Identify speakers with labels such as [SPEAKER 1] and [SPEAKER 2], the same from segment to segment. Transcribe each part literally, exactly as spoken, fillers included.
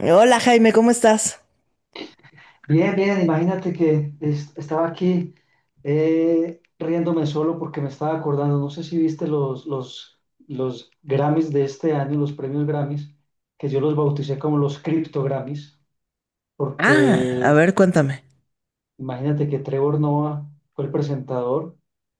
[SPEAKER 1] Hola Jaime, ¿cómo estás?
[SPEAKER 2] Bien, bien, imagínate que es- estaba aquí eh, riéndome solo porque me estaba acordando, no sé si viste los, los, los Grammys de este año, los premios Grammys, que yo los bauticé como los Crypto Grammys,
[SPEAKER 1] Ah, a
[SPEAKER 2] porque
[SPEAKER 1] ver, cuéntame.
[SPEAKER 2] imagínate que Trevor Noah fue el presentador.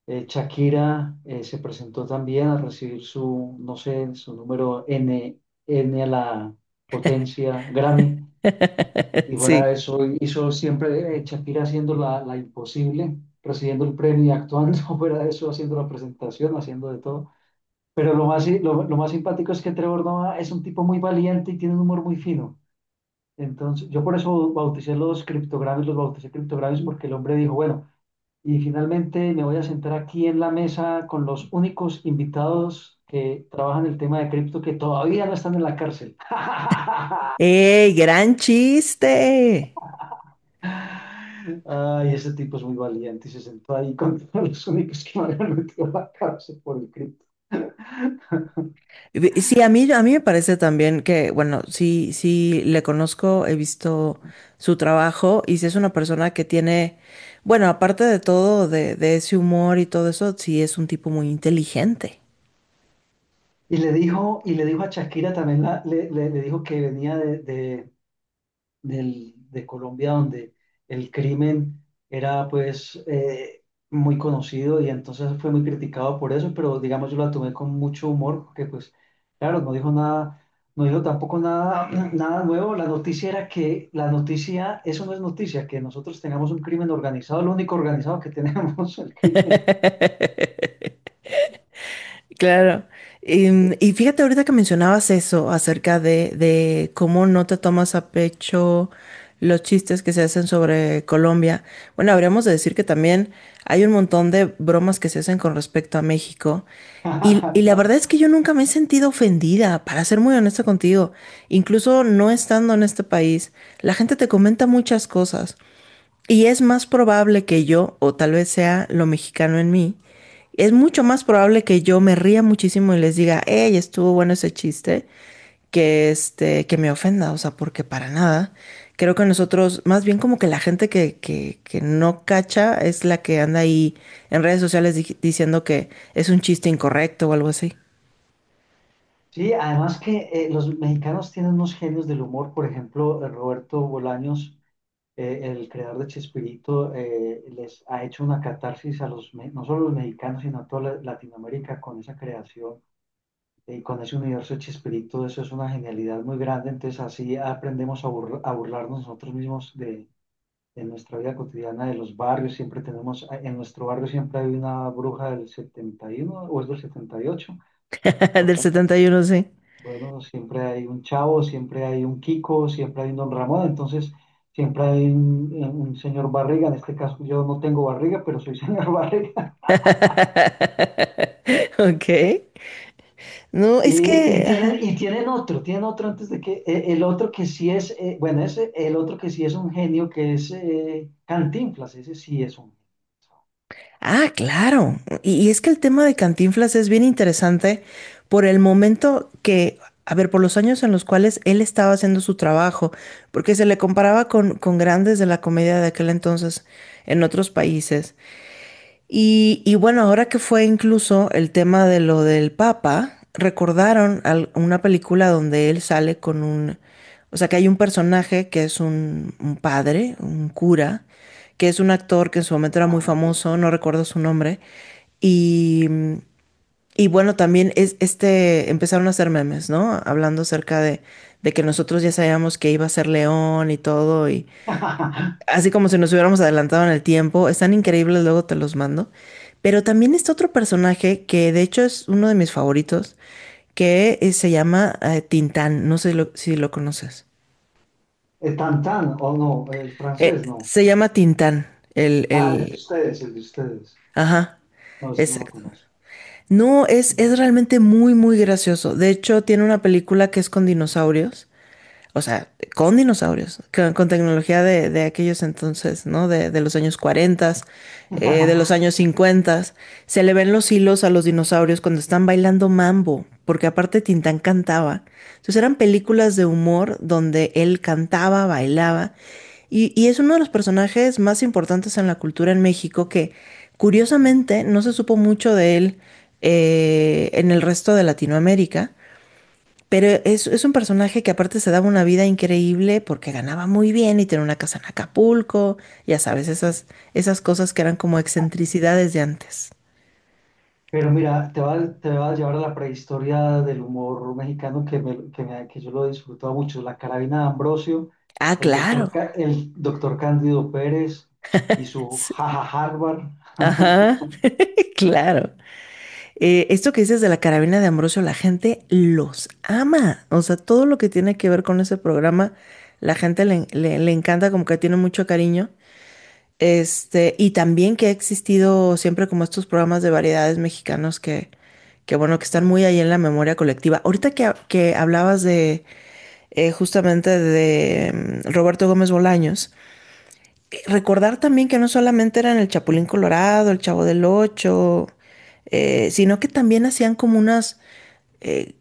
[SPEAKER 2] eh, Shakira eh, se presentó también a recibir su, no sé, su número N, N a la potencia Grammy. Y fuera
[SPEAKER 1] Sí.
[SPEAKER 2] de eso, hizo siempre eh, Shakira haciendo la, la imposible, recibiendo el premio y actuando, fuera de eso, haciendo la presentación, haciendo de todo. Pero lo más, si- lo, lo más simpático es que Trevor Noah es un tipo muy valiente y tiene un humor muy fino. Entonces, yo por eso bauticé los criptogramas, los bauticé criptogramas porque el hombre dijo, bueno, y finalmente me voy a sentar aquí en la mesa con los únicos invitados que trabajan el tema de cripto que todavía no están en la cárcel.
[SPEAKER 1] Eh, gran chiste!
[SPEAKER 2] Ay, ese tipo es muy valiente y se sentó ahí con todos los únicos que me habían metido a la cárcel por el cripto.
[SPEAKER 1] Ve- Sí, a mí, a mí me parece también que, bueno, sí, sí, le conozco, he visto su trabajo y si es una persona que tiene, bueno, aparte de todo, de, de ese humor y todo eso, sí es un tipo muy inteligente.
[SPEAKER 2] Y le dijo, y le dijo a Shakira también, la- le, le- le dijo que venía de, de- del- de Colombia donde el crimen era pues eh, muy conocido y entonces fue muy criticado por eso, pero digamos yo la tomé con mucho humor porque pues claro, no dijo nada, no dijo tampoco nada, nada nuevo. La noticia era que la noticia, eso no es noticia, que nosotros tengamos un crimen organizado, lo único organizado que tenemos, el crimen.
[SPEAKER 1] Claro. Em, Y, fíjate ahorita que mencionabas eso acerca de, de cómo no te tomas a pecho los chistes que se hacen sobre Colombia. Bueno, habríamos de decir que también hay un montón de bromas que se hacen con respecto a México. Y, y la verdad
[SPEAKER 2] Claro.
[SPEAKER 1] es que yo nunca me he sentido ofendida, para ser muy honesta contigo. Incluso no estando en este país, la gente te comenta muchas cosas. Y es más probable que yo, o tal vez sea lo mexicano en mí, es mucho más probable que yo me ría muchísimo y les diga, hey, estuvo bueno ese chiste, que este, que me ofenda, o sea, porque para nada. Creo que nosotros, más bien como que la gente que, que, que no cacha es la que anda ahí en redes sociales di- diciendo que es un chiste incorrecto o algo así.
[SPEAKER 2] Sí, además que eh, los mexicanos tienen unos genios del humor, por ejemplo, eh, Roberto Bolaños, eh, el creador de Chespirito, eh, les ha hecho una catarsis a los, me- no solo a los mexicanos, sino a toda la- Latinoamérica con esa creación eh, y con ese universo de Chespirito. Eso es una genialidad muy grande. Entonces, así aprendemos a, burl- a burlarnos nosotros mismos de, de nuestra vida cotidiana, de los barrios. Siempre tenemos, en nuestro barrio siempre hay una bruja del setenta y uno o es del setenta y ocho.
[SPEAKER 1] Del setenta y uno sí.
[SPEAKER 2] Bueno, siempre hay un Chavo, siempre hay un Kiko, siempre hay un Don Ramón, entonces siempre hay un, un señor Barriga. En este caso yo no tengo barriga, pero soy señor Barriga.
[SPEAKER 1] Ok. No, es
[SPEAKER 2] Y, y
[SPEAKER 1] que...
[SPEAKER 2] tienen,
[SPEAKER 1] ajá.
[SPEAKER 2] y tienen otro, tienen otro antes de que, eh, el otro que sí es, eh, bueno, ese, el otro que sí es un genio, que es eh, Cantinflas, ese sí es un.
[SPEAKER 1] Ah, claro. Y, y es que el tema de Cantinflas es bien interesante por el momento que, a ver, por los años en los cuales él estaba haciendo su trabajo, porque se le comparaba con, con grandes de la comedia de aquel entonces en otros países. Y, y bueno, ahora que fue incluso el tema de lo del Papa, recordaron al- una película donde él sale con un, o sea, que hay un personaje que es un, un padre, un cura, que es un actor que en su momento era muy
[SPEAKER 2] Ah,
[SPEAKER 1] famoso,
[SPEAKER 2] sí.
[SPEAKER 1] no recuerdo su nombre, y, y bueno, también es, este, empezaron a hacer memes, ¿no? Hablando acerca de, de que nosotros ya sabíamos que iba a ser León y todo, así como si nos hubiéramos adelantado en el tiempo. Están increíbles, luego te los mando. Pero también está otro personaje que de hecho es uno de mis favoritos, que eh, se llama eh, Tintán. No sé lo- si lo conoces.
[SPEAKER 2] El Tantán, o no, el
[SPEAKER 1] Eh,
[SPEAKER 2] francés, no.
[SPEAKER 1] se llama Tintán, el,
[SPEAKER 2] Ah, el de
[SPEAKER 1] el...
[SPEAKER 2] ustedes, el de ustedes.
[SPEAKER 1] Ajá,
[SPEAKER 2] No, ese no lo
[SPEAKER 1] exacto.
[SPEAKER 2] conozco.
[SPEAKER 1] No, es, es realmente muy, muy gracioso. De hecho, tiene una película que es con dinosaurios. O sea, con dinosaurios, con, con tecnología de, de aquellos entonces, ¿no? De, de los años cuarenta, eh, de los años cincuenta. Se le ven los hilos a los dinosaurios cuando están bailando mambo, porque aparte Tintán cantaba. Entonces eran películas de humor donde él cantaba, bailaba. Y, y es uno de los personajes más importantes en la cultura en México que curiosamente no se supo mucho de él eh, en el resto de Latinoamérica. Pero es, es un personaje que aparte se daba una vida increíble porque ganaba muy bien y tenía una casa en Acapulco, ya sabes, esas, esas cosas que eran como excentricidades de antes.
[SPEAKER 2] Pero mira, te va, te va a llevar a la prehistoria del humor mexicano que, me- que, me- que yo lo disfrutaba mucho. La Carabina de Ambrosio,
[SPEAKER 1] Ah,
[SPEAKER 2] el doctor,
[SPEAKER 1] claro.
[SPEAKER 2] Ca- el doctor Cándido Pérez y su
[SPEAKER 1] Sí.
[SPEAKER 2] jaja Harvard.
[SPEAKER 1] Ajá, claro. Eh, esto que dices de la carabina de Ambrosio, la gente los ama. O sea, todo lo que tiene que ver con ese programa, la gente le, le- le encanta, como que tiene mucho cariño. Este, y también que ha existido siempre como estos programas de variedades mexicanos que, que bueno, que están muy ahí en la memoria colectiva. Ahorita que, ha- que hablabas de eh, justamente de mm, Roberto Gómez Bolaños, eh, recordar también que no solamente eran el Chapulín Colorado, el Chavo del Ocho, eh, sino que también hacían como unas, eh,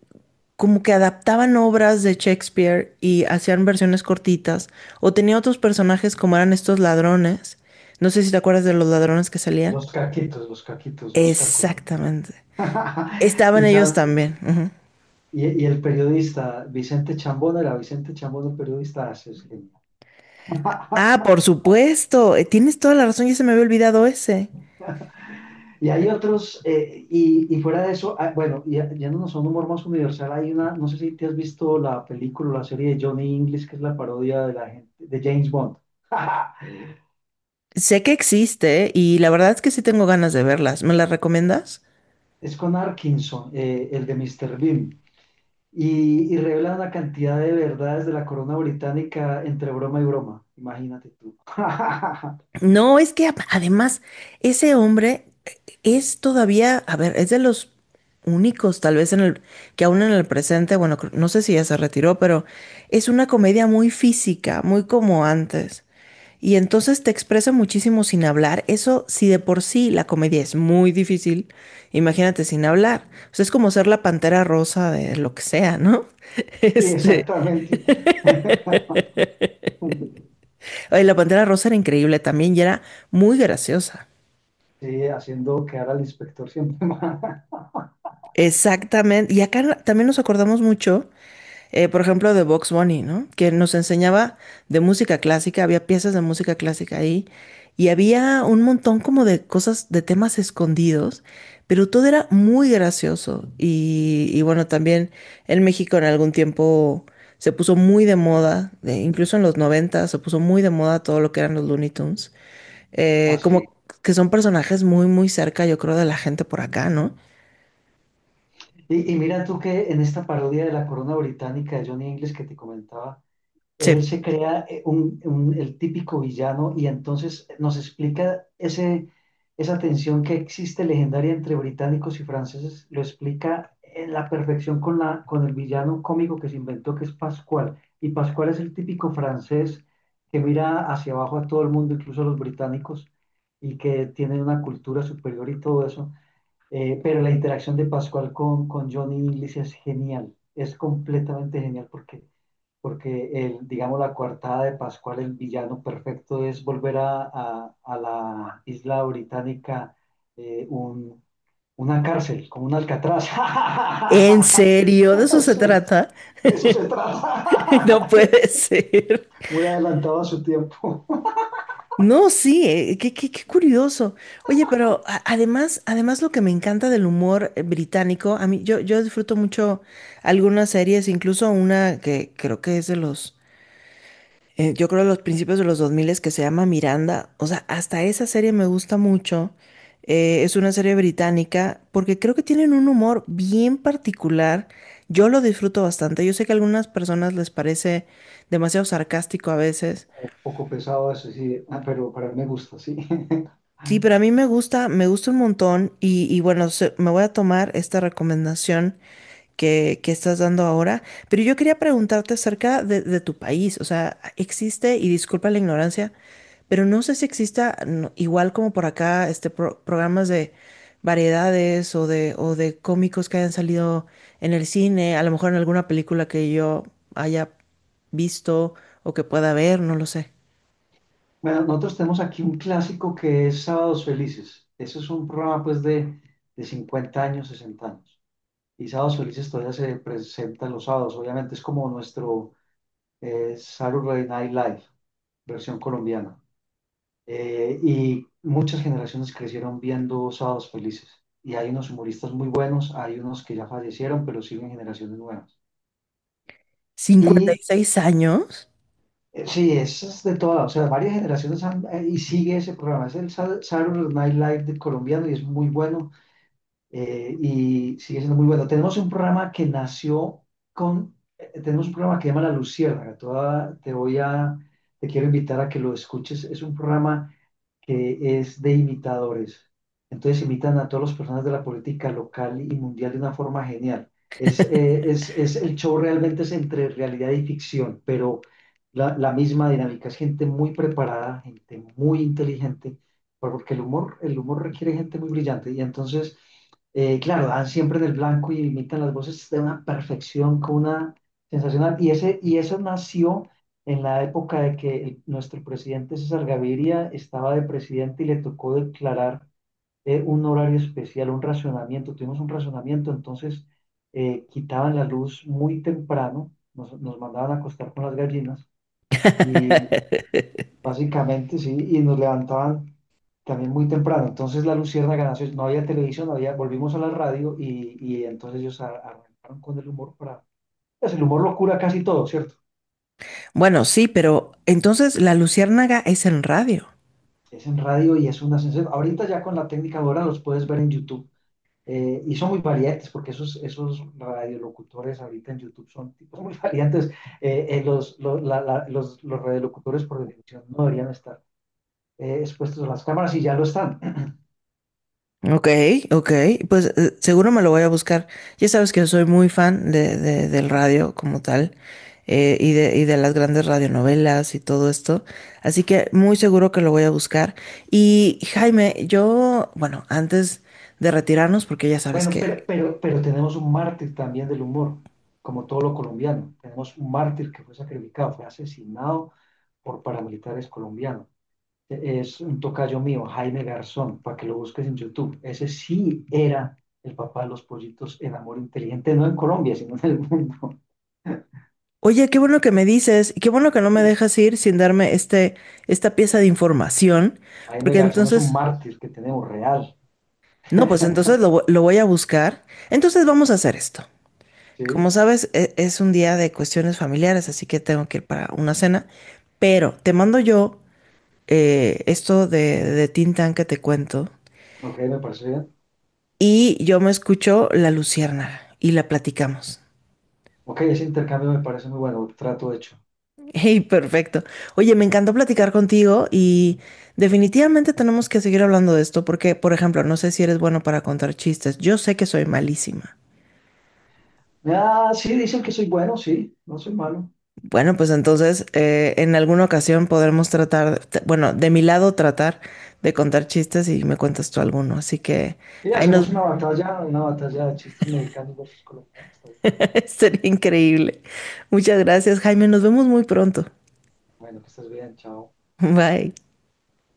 [SPEAKER 1] como que adaptaban obras de Shakespeare y hacían versiones cortitas, o tenía otros personajes como eran estos ladrones. No sé si te acuerdas de los ladrones que salían.
[SPEAKER 2] Los caquitos, los caquitos, los cacos.
[SPEAKER 1] Exactamente. Estaban
[SPEAKER 2] Y,
[SPEAKER 1] ellos también.
[SPEAKER 2] tal,
[SPEAKER 1] Ujú.
[SPEAKER 2] y, y el periodista Vicente Chambón, era Vicente Chambón el periodista, así es genial.
[SPEAKER 1] Ah, por supuesto. Eh, Tienes toda la razón, ya se me había olvidado ese.
[SPEAKER 2] Y hay otros, eh, y, y, fuera de eso, ah, bueno, ya, yéndonos a un humor más universal, hay una, no sé si te has visto la película o la serie de Johnny English, que es la parodia de la gente, de James Bond.
[SPEAKER 1] Sé que existe y la verdad es que sí tengo ganas de verlas. ¿Me las recomiendas?
[SPEAKER 2] Es con Arkinson, eh, el de Mister Bean, y, y, revela una cantidad de verdades de la corona británica entre broma y broma. Imagínate tú.
[SPEAKER 1] No, es que a- además ese hombre eh, es todavía, a ver, es de los únicos tal vez en el que aún en el presente, bueno, cr- no sé si ya se retiró, pero es una comedia muy física, muy como antes. Y entonces te expresa muchísimo sin hablar. Eso, si de por sí la comedia es muy difícil, imagínate sin hablar. O sea, es como ser la Pantera Rosa de lo que sea, ¿no?
[SPEAKER 2] Sí,
[SPEAKER 1] Este,
[SPEAKER 2] exactamente.
[SPEAKER 1] ay, la Pantera Rosa era increíble también y era muy graciosa.
[SPEAKER 2] Sí, haciendo quedar al inspector siempre más.
[SPEAKER 1] Exactamente. Y acá también nos acordamos mucho, eh, por ejemplo, de Box Bunny, ¿no? Que nos enseñaba de música clásica, había piezas de música clásica ahí y había un montón como de cosas, de temas escondidos, pero todo era muy gracioso. Y, y bueno, también en México en algún tiempo se puso muy de moda, de- incluso en los noventa se puso muy de moda todo lo que eran los Looney Tunes, eh,
[SPEAKER 2] Así.
[SPEAKER 1] como que son personajes muy, muy cerca, yo creo, de la gente por acá, ¿no?
[SPEAKER 2] Y, y mira tú que en esta parodia de la corona británica de Johnny English que te comentaba, él
[SPEAKER 1] Sí.
[SPEAKER 2] se crea eh, un- un- el típico villano y entonces nos explica ese, esa tensión que existe legendaria entre británicos y franceses, lo explica en la perfección con, la, con el villano cómico que se inventó, que es Pascual. Y Pascual es el típico francés que mira hacia abajo a todo el mundo, incluso a los británicos, y que tiene una cultura superior y todo eso. Eh, pero la interacción de Pascual con, con Johnny English es genial, es completamente genial porque, porque el, digamos, la coartada de Pascual, el villano perfecto, es volver a, a- a la isla británica, eh, un- una cárcel, como un Alcatraz.
[SPEAKER 1] ¿En serio? ¿De eso se
[SPEAKER 2] Sí,
[SPEAKER 1] trata?
[SPEAKER 2] de eso se trata.
[SPEAKER 1] No puede ser.
[SPEAKER 2] Muy adelantado a su tiempo.
[SPEAKER 1] No, sí, eh, qué, qué- qué curioso. Oye, pero a- además, además lo que me encanta del humor eh, británico, a mí yo, yo disfruto mucho algunas series, incluso una que creo que es de los eh, yo creo los principios de los dos mil es que se llama Miranda. O sea, hasta esa serie me gusta mucho. Eh, es una serie británica porque creo que tienen un humor bien particular. Yo lo disfruto bastante. Yo sé que a algunas personas les parece demasiado sarcástico a veces.
[SPEAKER 2] Un poco pesado eso, sí, ah, pero, pero a mí me gusta, sí.
[SPEAKER 1] Sí, pero a mí me gusta, me gusta un montón y, y bueno, se- me voy a tomar esta recomendación que, que estás dando ahora, pero yo quería preguntarte acerca de, de tu país. O sea, existe, y disculpa la ignorancia, pero no sé si exista, no, igual como por acá, este pro- programas de variedades o de, o de cómicos que hayan salido en el cine, a lo mejor en alguna película que yo haya visto o que pueda ver, no lo sé.
[SPEAKER 2] Bueno, nosotros tenemos aquí un clásico que es Sábados Felices. Ese es un programa pues de, de cincuenta años, sesenta años. Y Sábados Felices todavía se presenta los sábados. Obviamente es como nuestro eh, Saturday Night Live, versión colombiana. Eh, y muchas generaciones crecieron viendo Sábados Felices. Y hay unos humoristas muy buenos, hay unos que ya fallecieron, pero siguen generaciones nuevas.
[SPEAKER 1] Cincuenta
[SPEAKER 2] Y
[SPEAKER 1] y seis años?
[SPEAKER 2] Eh, sí, eso es de toda, o sea, varias generaciones han- eh, y sigue ese programa. Es el Sa- Saturday Night Live de colombiano y es muy bueno, eh, y sigue siendo muy bueno. Tenemos un programa que nació con, eh, tenemos un programa que se llama La Luciérnaga. Te voy a, te voy a- te quiero invitar a que lo escuches. Es un programa que es de imitadores. Entonces imitan a todas las personas de la política local y mundial de una forma genial. Es, eh, es, es- el show realmente es entre realidad y ficción, pero la, la misma dinámica. Es gente muy preparada, gente muy inteligente, porque el humor, el humor requiere gente muy brillante. Y entonces, eh, claro, dan siempre en el blanco y imitan las voces de una perfección, con una sensacional. Y, ese, y eso nació en la época de que el- nuestro presidente César Gaviria estaba de presidente y le tocó declarar eh, un horario especial, un racionamiento. Tuvimos un racionamiento, entonces eh, quitaban la luz muy temprano, nos, nos mandaban a acostar con las gallinas y básicamente sí, y nos levantaban también muy temprano. Entonces la luciérnaga nació, no había televisión, no había, volvimos a la radio y, y entonces ellos a- arrancaron con el humor para... pues el humor lo cura casi todo, ¿cierto?
[SPEAKER 1] Bueno, sí, pero entonces La Luciérnaga es en radio.
[SPEAKER 2] Es en radio y es una sensación. Ahorita ya con la técnica ahora los puedes ver en YouTube. Eh, y son muy variantes, porque esos, esos radiolocutores ahorita en YouTube son tipos muy variantes. Eh, eh, los, los, la- la- los- Los radiolocutores, por definición, no deberían estar eh, expuestos a las cámaras y ya lo están.
[SPEAKER 1] Ok, ok, pues eh, seguro me lo voy a buscar. Ya sabes que soy muy fan de, de- del radio como tal eh, y de, y de las grandes radionovelas y todo esto, así que muy seguro que lo voy a buscar. Y Jaime, yo, bueno, antes de retirarnos, porque ya sabes
[SPEAKER 2] Bueno,
[SPEAKER 1] que,
[SPEAKER 2] pero, pero, pero tenemos un mártir también del humor, como todo lo colombiano. Tenemos un mártir que fue sacrificado, fue asesinado por paramilitares colombianos. Es un tocayo mío, Jaime Garzón, para que lo busques en YouTube. Ese sí era el papá de los pollitos en Amor Inteligente, no en Colombia, sino en el mundo.
[SPEAKER 1] oye, qué bueno que me dices y qué bueno que no me dejas
[SPEAKER 2] Es-
[SPEAKER 1] ir sin darme este, esta pieza de información,
[SPEAKER 2] Jaime
[SPEAKER 1] porque
[SPEAKER 2] Garzón es un
[SPEAKER 1] entonces,
[SPEAKER 2] mártir que tenemos real.
[SPEAKER 1] no, pues entonces lo, vo- lo voy a buscar. Entonces vamos a hacer esto. Como
[SPEAKER 2] Sí,
[SPEAKER 1] sabes, e- es un día de cuestiones familiares, así que tengo que ir para una cena. Pero te mando yo eh, esto de, de Tin Tan que te cuento.
[SPEAKER 2] ok, me parece bien.
[SPEAKER 1] Y yo me escucho La Luciérnaga y la platicamos.
[SPEAKER 2] Ok, ese intercambio me parece muy bueno, trato hecho.
[SPEAKER 1] Hey, perfecto. Oye, me encantó platicar contigo y definitivamente tenemos que seguir hablando de esto porque, por ejemplo, no sé si eres bueno para contar chistes. Yo sé que soy malísima.
[SPEAKER 2] Ah, sí, dicen que soy bueno, sí, no soy malo.
[SPEAKER 1] Bueno, pues entonces eh, en alguna ocasión podremos tratar, t- bueno, de mi lado tratar de contar chistes y me cuentas tú alguno. Así que
[SPEAKER 2] Y
[SPEAKER 1] ahí nos
[SPEAKER 2] hacemos una batalla, una batalla de chistes mexicanos versus colombianos. Está bien.
[SPEAKER 1] sería increíble. Muchas gracias, Jaime. Nos vemos muy pronto.
[SPEAKER 2] Bueno, que estés bien, chao.
[SPEAKER 1] Bye.